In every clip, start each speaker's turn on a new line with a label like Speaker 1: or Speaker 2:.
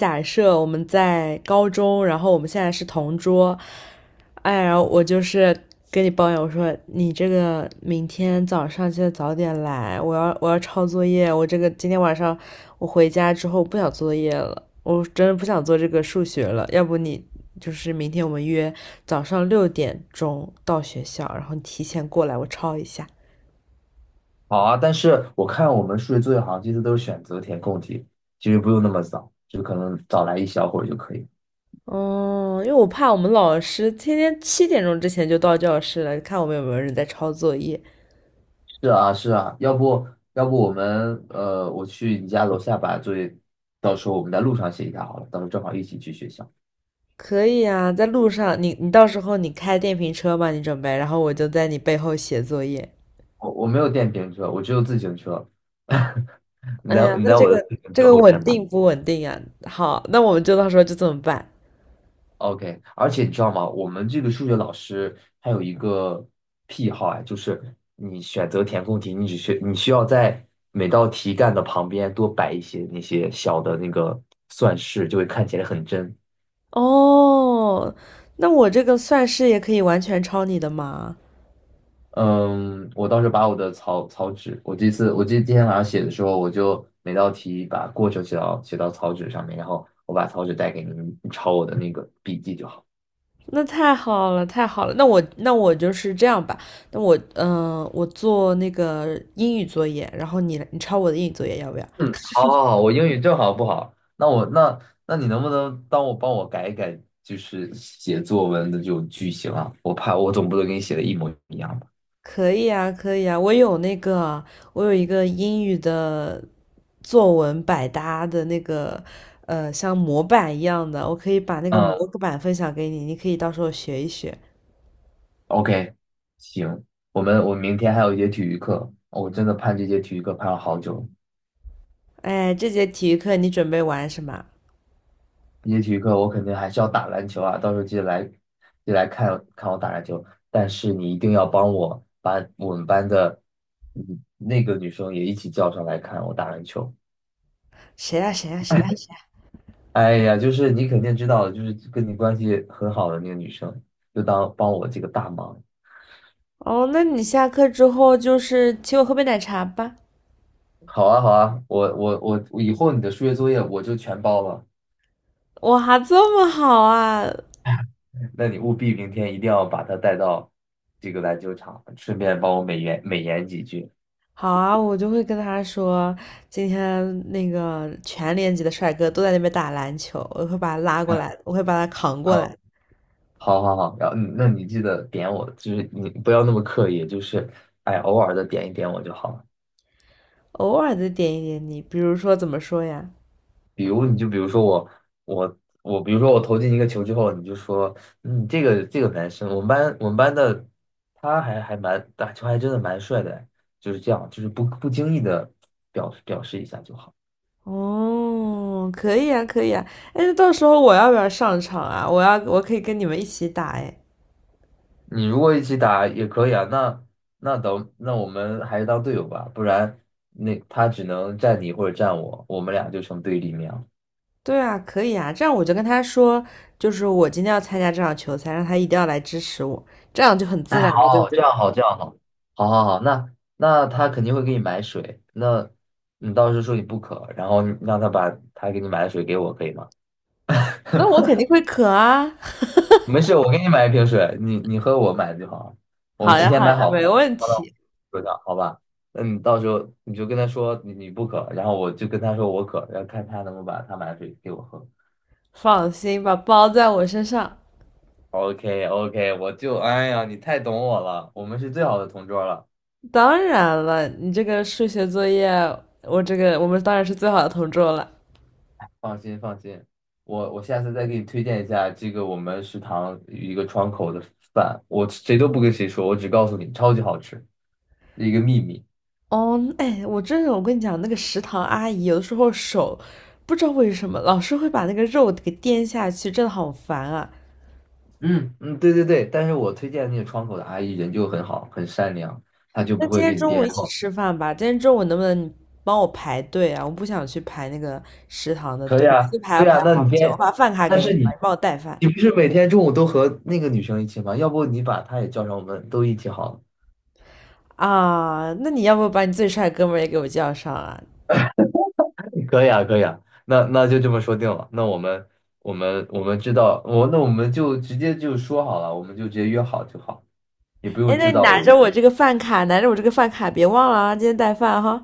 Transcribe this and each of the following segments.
Speaker 1: 假设我们在高中，然后我们现在是同桌。哎，然后我就是跟你抱怨，我说你这个明天早上记得早点来，我要抄作业，我这个今天晚上我回家之后不想做作业了，我真的不想做这个数学了。要不你就是明天我们约早上六点钟到学校，然后你提前过来我抄一下。哦。
Speaker 2: 好啊，但是我看我们数学作业好像这次都是选择填空题，其实不用那么早，就可能早来一小会儿就可以。
Speaker 1: 嗯，因为我怕我们老师天天七点钟之前就到教室了，看我们有没有人在抄作业。
Speaker 2: 是啊，是啊，要不我们我去你家楼下把作业，到时候我们在路上写一下好了，到时候正好一起去学校。
Speaker 1: 可以啊，在路上，你到时候你开电瓶车吧，你准备，然后我就在你背后写作业。
Speaker 2: 我没有电瓶车，我只有自行车，你
Speaker 1: 哎
Speaker 2: 在
Speaker 1: 呀，
Speaker 2: 你
Speaker 1: 那
Speaker 2: 在
Speaker 1: 这
Speaker 2: 我的
Speaker 1: 个
Speaker 2: 自行
Speaker 1: 这
Speaker 2: 车
Speaker 1: 个
Speaker 2: 后
Speaker 1: 稳
Speaker 2: 面吧。
Speaker 1: 定不稳定啊？好，那我们就到时候就这么办。
Speaker 2: OK，而且你知道吗？我们这个数学老师他有一个癖好啊，就是你选择填空题，你只需你需要在每道题干的旁边多摆一些那些小的那个算式，就会看起来很真。
Speaker 1: 哦，那我这个算式也可以完全抄你的吗？
Speaker 2: 嗯，我当时把我的草纸，我这次我记得今天晚上写的时候，我就每道题把过程写到草纸上面，然后我把草纸带给你，你抄我的那个笔记就好。
Speaker 1: 那太好了，太好了。那我就是这样吧。那我我做那个英语作业，然后你抄我的英语作业要不要？
Speaker 2: 嗯，好，好，好，我英语正好不好，那我那那你能不能帮我改一改，就是写作文的这种句型啊？我怕我总不能给你写的一模一样吧？
Speaker 1: 可以啊，可以啊，我有那个，我有一个英语的作文百搭的那个像模板一样的，我可以把那个模
Speaker 2: 嗯
Speaker 1: 板分享给你，你可以到时候学一学。
Speaker 2: ，OK，行，我明天还有一节体育课，我真的盼这节体育课盼了好久了。
Speaker 1: 哎，这节体育课你准备玩什么？
Speaker 2: 这节体育课我肯定还是要打篮球啊，到时候记得来看看我打篮球，但是你一定要帮我把我们班的嗯那个女生也一起叫上来看我打篮球。
Speaker 1: 谁呀、谁呀、谁呀、谁呀。
Speaker 2: 哎呀，就是你肯定知道，就是跟你关系很好的那个女生，就当帮我这个大忙。
Speaker 1: 哦，那你下课之后就是请我喝杯奶茶吧。
Speaker 2: 好啊，好啊，我，以后你的数学作业我就全包了。
Speaker 1: 哇，这么好啊！
Speaker 2: 那你务必明天一定要把她带到这个篮球场，顺便帮我美言美言几句。
Speaker 1: 好啊，我就会跟他说，今天那个全年级的帅哥都在那边打篮球，我会把他拉过来，
Speaker 2: 嗯
Speaker 1: 我会把他扛过来。
Speaker 2: 嗯，好好好，然后那你记得点我，就是你不要那么刻意，就是哎，偶尔的点一点我就好了。
Speaker 1: 偶尔的点一点你，比如说怎么说呀？
Speaker 2: 比如说我，比如说我投进一个球之后，你就说，嗯，这个男生，我们班的他还蛮打球还真的蛮帅的，就是这样，就是不经意的表示一下就好。
Speaker 1: 哦，可以啊，可以啊。哎，那到时候我要不要上场啊？我要，我可以跟你们一起打哎。
Speaker 2: 你如果一起打也可以啊，那我们还是当队友吧，不然那他只能站你或者站我，我们俩就成对立面了。
Speaker 1: 对啊，可以啊。这样我就跟他说，就是我今天要参加这场球赛，让他一定要来支持我，这样就很自
Speaker 2: 哎，
Speaker 1: 然
Speaker 2: 好
Speaker 1: 了，对不
Speaker 2: 好，这
Speaker 1: 对？
Speaker 2: 样好，这样好，好好好，那他肯定会给你买水，那你到时候说你不渴，然后你让他把他给你买的水给我，可以吗？
Speaker 1: 那我肯定会渴啊。
Speaker 2: 没事，我给你买一瓶水，你喝我买的就好了。我
Speaker 1: 好
Speaker 2: 提
Speaker 1: 呀，
Speaker 2: 前
Speaker 1: 好
Speaker 2: 买
Speaker 1: 呀，
Speaker 2: 好
Speaker 1: 没问
Speaker 2: 放到
Speaker 1: 题。
Speaker 2: 桌上，好吧？那你到时候你就跟他说你不渴，然后我就跟他说我渴，然后看他能不能把他买的水给我喝。
Speaker 1: 放心吧，包在我身上。
Speaker 2: OK OK，我就哎呀，你太懂我了，我们是最好的同桌了。
Speaker 1: 当然了，你这个数学作业，我这个我们当然是最好的同桌了。
Speaker 2: 放心放心，我下次再给你推荐一下这个我们食堂一个窗口的饭，我谁都不跟谁说，我只告诉你，超级好吃，一个秘密。
Speaker 1: 哦，哎，我真的，我跟你讲，那个食堂阿姨有的时候手不知道为什么老是会把那个肉给颠下去，真的好烦啊。
Speaker 2: 嗯嗯，对对对，但是我推荐那个窗口的阿姨人就很好，很善良，她就
Speaker 1: 那
Speaker 2: 不
Speaker 1: 今
Speaker 2: 会
Speaker 1: 天
Speaker 2: 给你
Speaker 1: 中
Speaker 2: 编。
Speaker 1: 午
Speaker 2: 然
Speaker 1: 一起
Speaker 2: 后
Speaker 1: 吃饭吧，今天中午能不能你帮我排队啊？我不想去排那个食堂的
Speaker 2: 可
Speaker 1: 队，
Speaker 2: 以
Speaker 1: 每
Speaker 2: 啊，
Speaker 1: 次排
Speaker 2: 可
Speaker 1: 要
Speaker 2: 以
Speaker 1: 排
Speaker 2: 啊，那你
Speaker 1: 好久。我
Speaker 2: 编，
Speaker 1: 把饭卡
Speaker 2: 但
Speaker 1: 给你
Speaker 2: 是
Speaker 1: 吧，
Speaker 2: 你
Speaker 1: 你帮我带饭
Speaker 2: 你不是每天中午都和那个女生一起吗？要不你把她也叫上，我们都一起好了。
Speaker 1: 啊。那你要不把你最帅的哥们儿也给我叫上啊？
Speaker 2: 可以啊，可以啊，那就这么说定了。那我们知道，我们就直接就说好了，我们就直接约好就好，也不
Speaker 1: 哎，
Speaker 2: 用制
Speaker 1: 那你
Speaker 2: 造
Speaker 1: 拿
Speaker 2: 偶
Speaker 1: 着
Speaker 2: 遇。
Speaker 1: 我这个饭卡，拿着我这个饭卡，别忘了啊，今天带饭哈，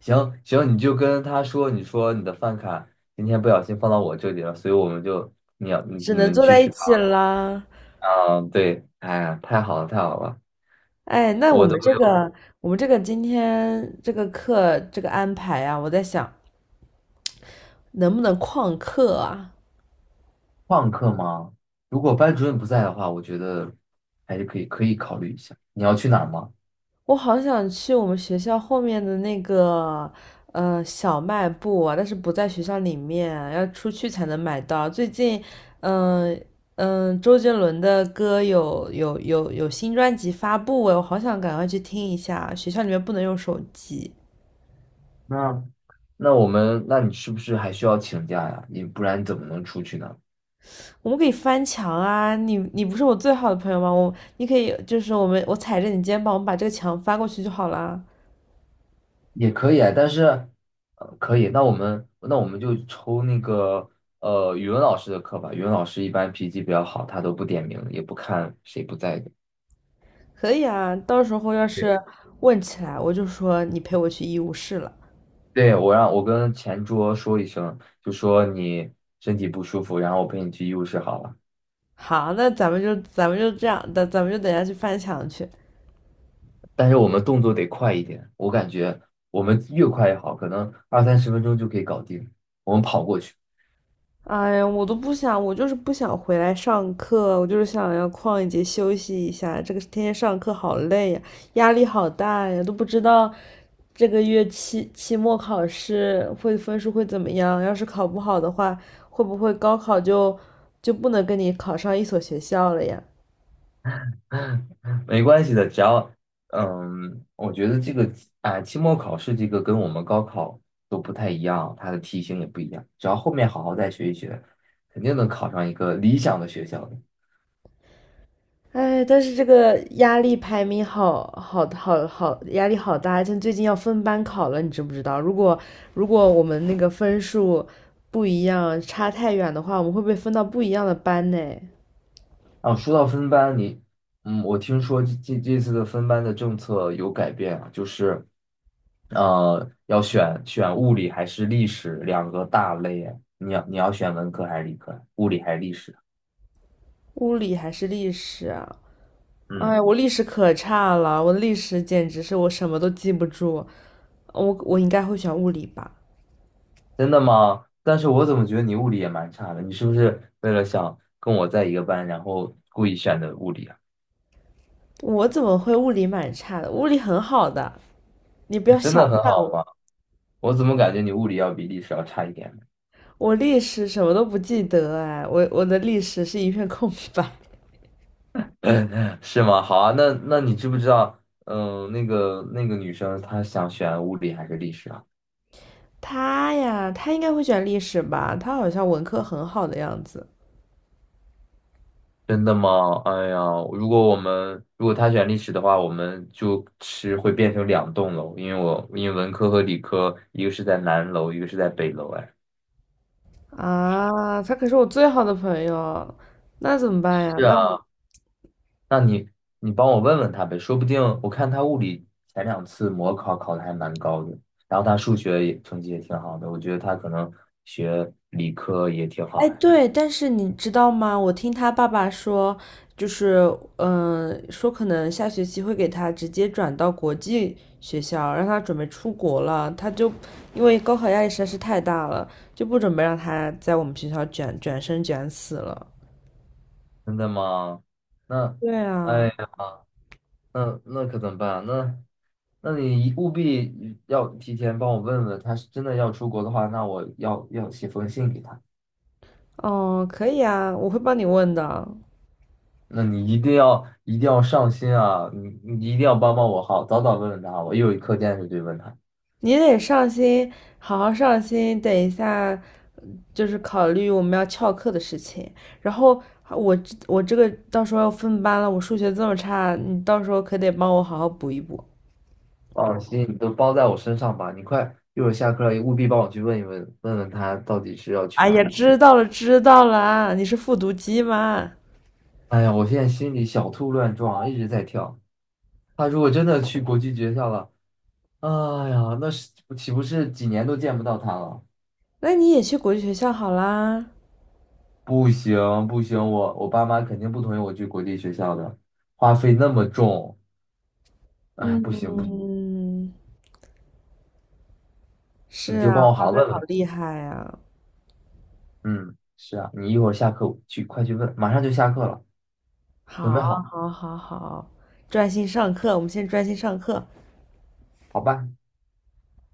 Speaker 2: 行行，你就跟他说，你说你的饭卡今天不小心放到我这里了，所以我们就你要你
Speaker 1: 只
Speaker 2: 你
Speaker 1: 能
Speaker 2: 们
Speaker 1: 坐
Speaker 2: 去
Speaker 1: 在一
Speaker 2: 食堂
Speaker 1: 起啦。
Speaker 2: 啊，对，哎呀，太好了太好了，
Speaker 1: 哎，那我
Speaker 2: 我都
Speaker 1: 们
Speaker 2: 没
Speaker 1: 这
Speaker 2: 有。
Speaker 1: 个，我们这个今天这个课这个安排啊，我在想能不能旷课啊？
Speaker 2: 旷课吗？如果班主任不在的话，我觉得还是可以考虑一下。你要去哪儿吗？
Speaker 1: 我好想去我们学校后面的那个小卖部啊，但是不在学校里面啊，要出去才能买到。最近，嗯、周杰伦的歌有新专辑发布哎，我好想赶快去听一下啊。学校里面不能用手机。
Speaker 2: 那那我们，那你是不是还需要请假呀？你不然怎么能出去呢？
Speaker 1: 我们可以翻墙啊！你不是我最好的朋友吗？你可以就是我踩着你肩膀，我们把这个墙翻过去就好啦。
Speaker 2: 也可以啊，但是，可以。那我们就抽那个语文老师的课吧。语文老师一般脾气比较好，他都不点名，也不看谁不在的。
Speaker 1: 可以啊，到时候要
Speaker 2: 对，
Speaker 1: 是问起来，我就说你陪我去医务室了。
Speaker 2: 对，我跟前桌说一声，就说你身体不舒服，然后我陪你去医务室好了。
Speaker 1: 好，那咱们就这样，咱们就等下去翻墙去。
Speaker 2: 但是我们动作得快一点，我感觉我们越快越好，可能二三十分钟就可以搞定。我们跑过去。
Speaker 1: 哎呀，我都不想，我就是不想回来上课，我就是想要旷一节休息一下。这个天天上课好累呀，压力好大呀，都不知道这个月期末考试会分数会怎么样。要是考不好的话，会不会高考就不能跟你考上一所学校了呀？
Speaker 2: 没关系的，只要我觉得这个啊，哎期末考试这个跟我们高考都不太一样，它的题型也不一样。只要后面好好再学一学，肯定能考上一个理想的学校的。
Speaker 1: 哎，但是这个压力排名好，压力好大，像最近要分班考了，你知不知道？如果我们那个分数不一样，差太远的话，我们会被分到不一样的班呢。
Speaker 2: 啊，说到分班，我听说这次的分班的政策有改变啊，就是要选物理还是历史两个大类啊。你要选文科还是理科？物理还是历史？
Speaker 1: 物理还是历史啊？
Speaker 2: 嗯。
Speaker 1: 哎，我历史可差了，我历史简直是我什么都记不住。我应该会选物理吧？
Speaker 2: 真的吗？但是我怎么觉得你物理也蛮差的？你是不是为了想跟我在一个班，然后故意选的物理啊？
Speaker 1: 我怎么会物理蛮差的？物理很好的，你不
Speaker 2: 你
Speaker 1: 要
Speaker 2: 真
Speaker 1: 小
Speaker 2: 的很
Speaker 1: 看
Speaker 2: 好
Speaker 1: 我。
Speaker 2: 吗？我怎么感觉你物理要比历史要差一点呢？
Speaker 1: 我历史什么都不记得哎，我的历史是一片空白。
Speaker 2: 是吗？好啊，那你知不知道，那个女生她想选物理还是历史啊？
Speaker 1: 他呀，他应该会选历史吧？他好像文科很好的样子
Speaker 2: 真的吗？哎呀，如果她选历史的话，我们就是会变成两栋楼，因为文科和理科一个是在南楼，一个是在北楼，哎。
Speaker 1: 啊，他可是我最好的朋友，那怎么办呀？
Speaker 2: 是啊，那你帮我问问他呗，说不定我看他物理前两次模考考的还蛮高的，然后他数学也成绩也挺好的，我觉得他可能学理科也挺
Speaker 1: 哎，
Speaker 2: 好呀。
Speaker 1: 对，但是你知道吗？我听他爸爸说，就是，说可能下学期会给他直接转到国际学校，让他准备出国了。他就因为高考压力实在是太大了，就不准备让他在我们学校卷生卷死了。
Speaker 2: 真的吗？那，
Speaker 1: 对
Speaker 2: 哎
Speaker 1: 啊，
Speaker 2: 呀，那可怎么办？那你一务必要提前帮我问问，他是真的要出国的话，那我要写封信给他。
Speaker 1: 哦，可以啊，我会帮你问的。
Speaker 2: 那你一定要一定要上心啊！你一定要帮帮我好，早早问问他，我一有课件是对问他。
Speaker 1: 你得上心，好好上心。等一下，就是考虑我们要翘课的事情。然后我我这个到时候要分班了，我数学这么差，你到时候可得帮我好好补一补。
Speaker 2: 放心，你都包在我身上吧，你快，一会儿下课了，务必帮我去问一问，问问他到底是要去
Speaker 1: 哎
Speaker 2: 哪
Speaker 1: 呀，
Speaker 2: 里。
Speaker 1: 知道了知道了啊你是复读机嘛？
Speaker 2: 哎呀，我现在心里小兔乱撞，一直在跳。他如果真的去国际学校了，哎呀，那是岂不是几年都见不到他了？
Speaker 1: 那你也去国际学校好啦。
Speaker 2: 不行不行，我爸妈肯定不同意我去国际学校的，花费那么重，哎，不行不行，
Speaker 1: 嗯，是
Speaker 2: 你就帮
Speaker 1: 啊，
Speaker 2: 我
Speaker 1: 花
Speaker 2: 好好
Speaker 1: 呗
Speaker 2: 问
Speaker 1: 好
Speaker 2: 问。
Speaker 1: 厉害呀、
Speaker 2: 嗯，是啊，你一会儿下课去，快去问，马上就下课了，准
Speaker 1: 好，
Speaker 2: 备好，
Speaker 1: 好，好，好，专心上课，我们先专心上课。
Speaker 2: 好吧？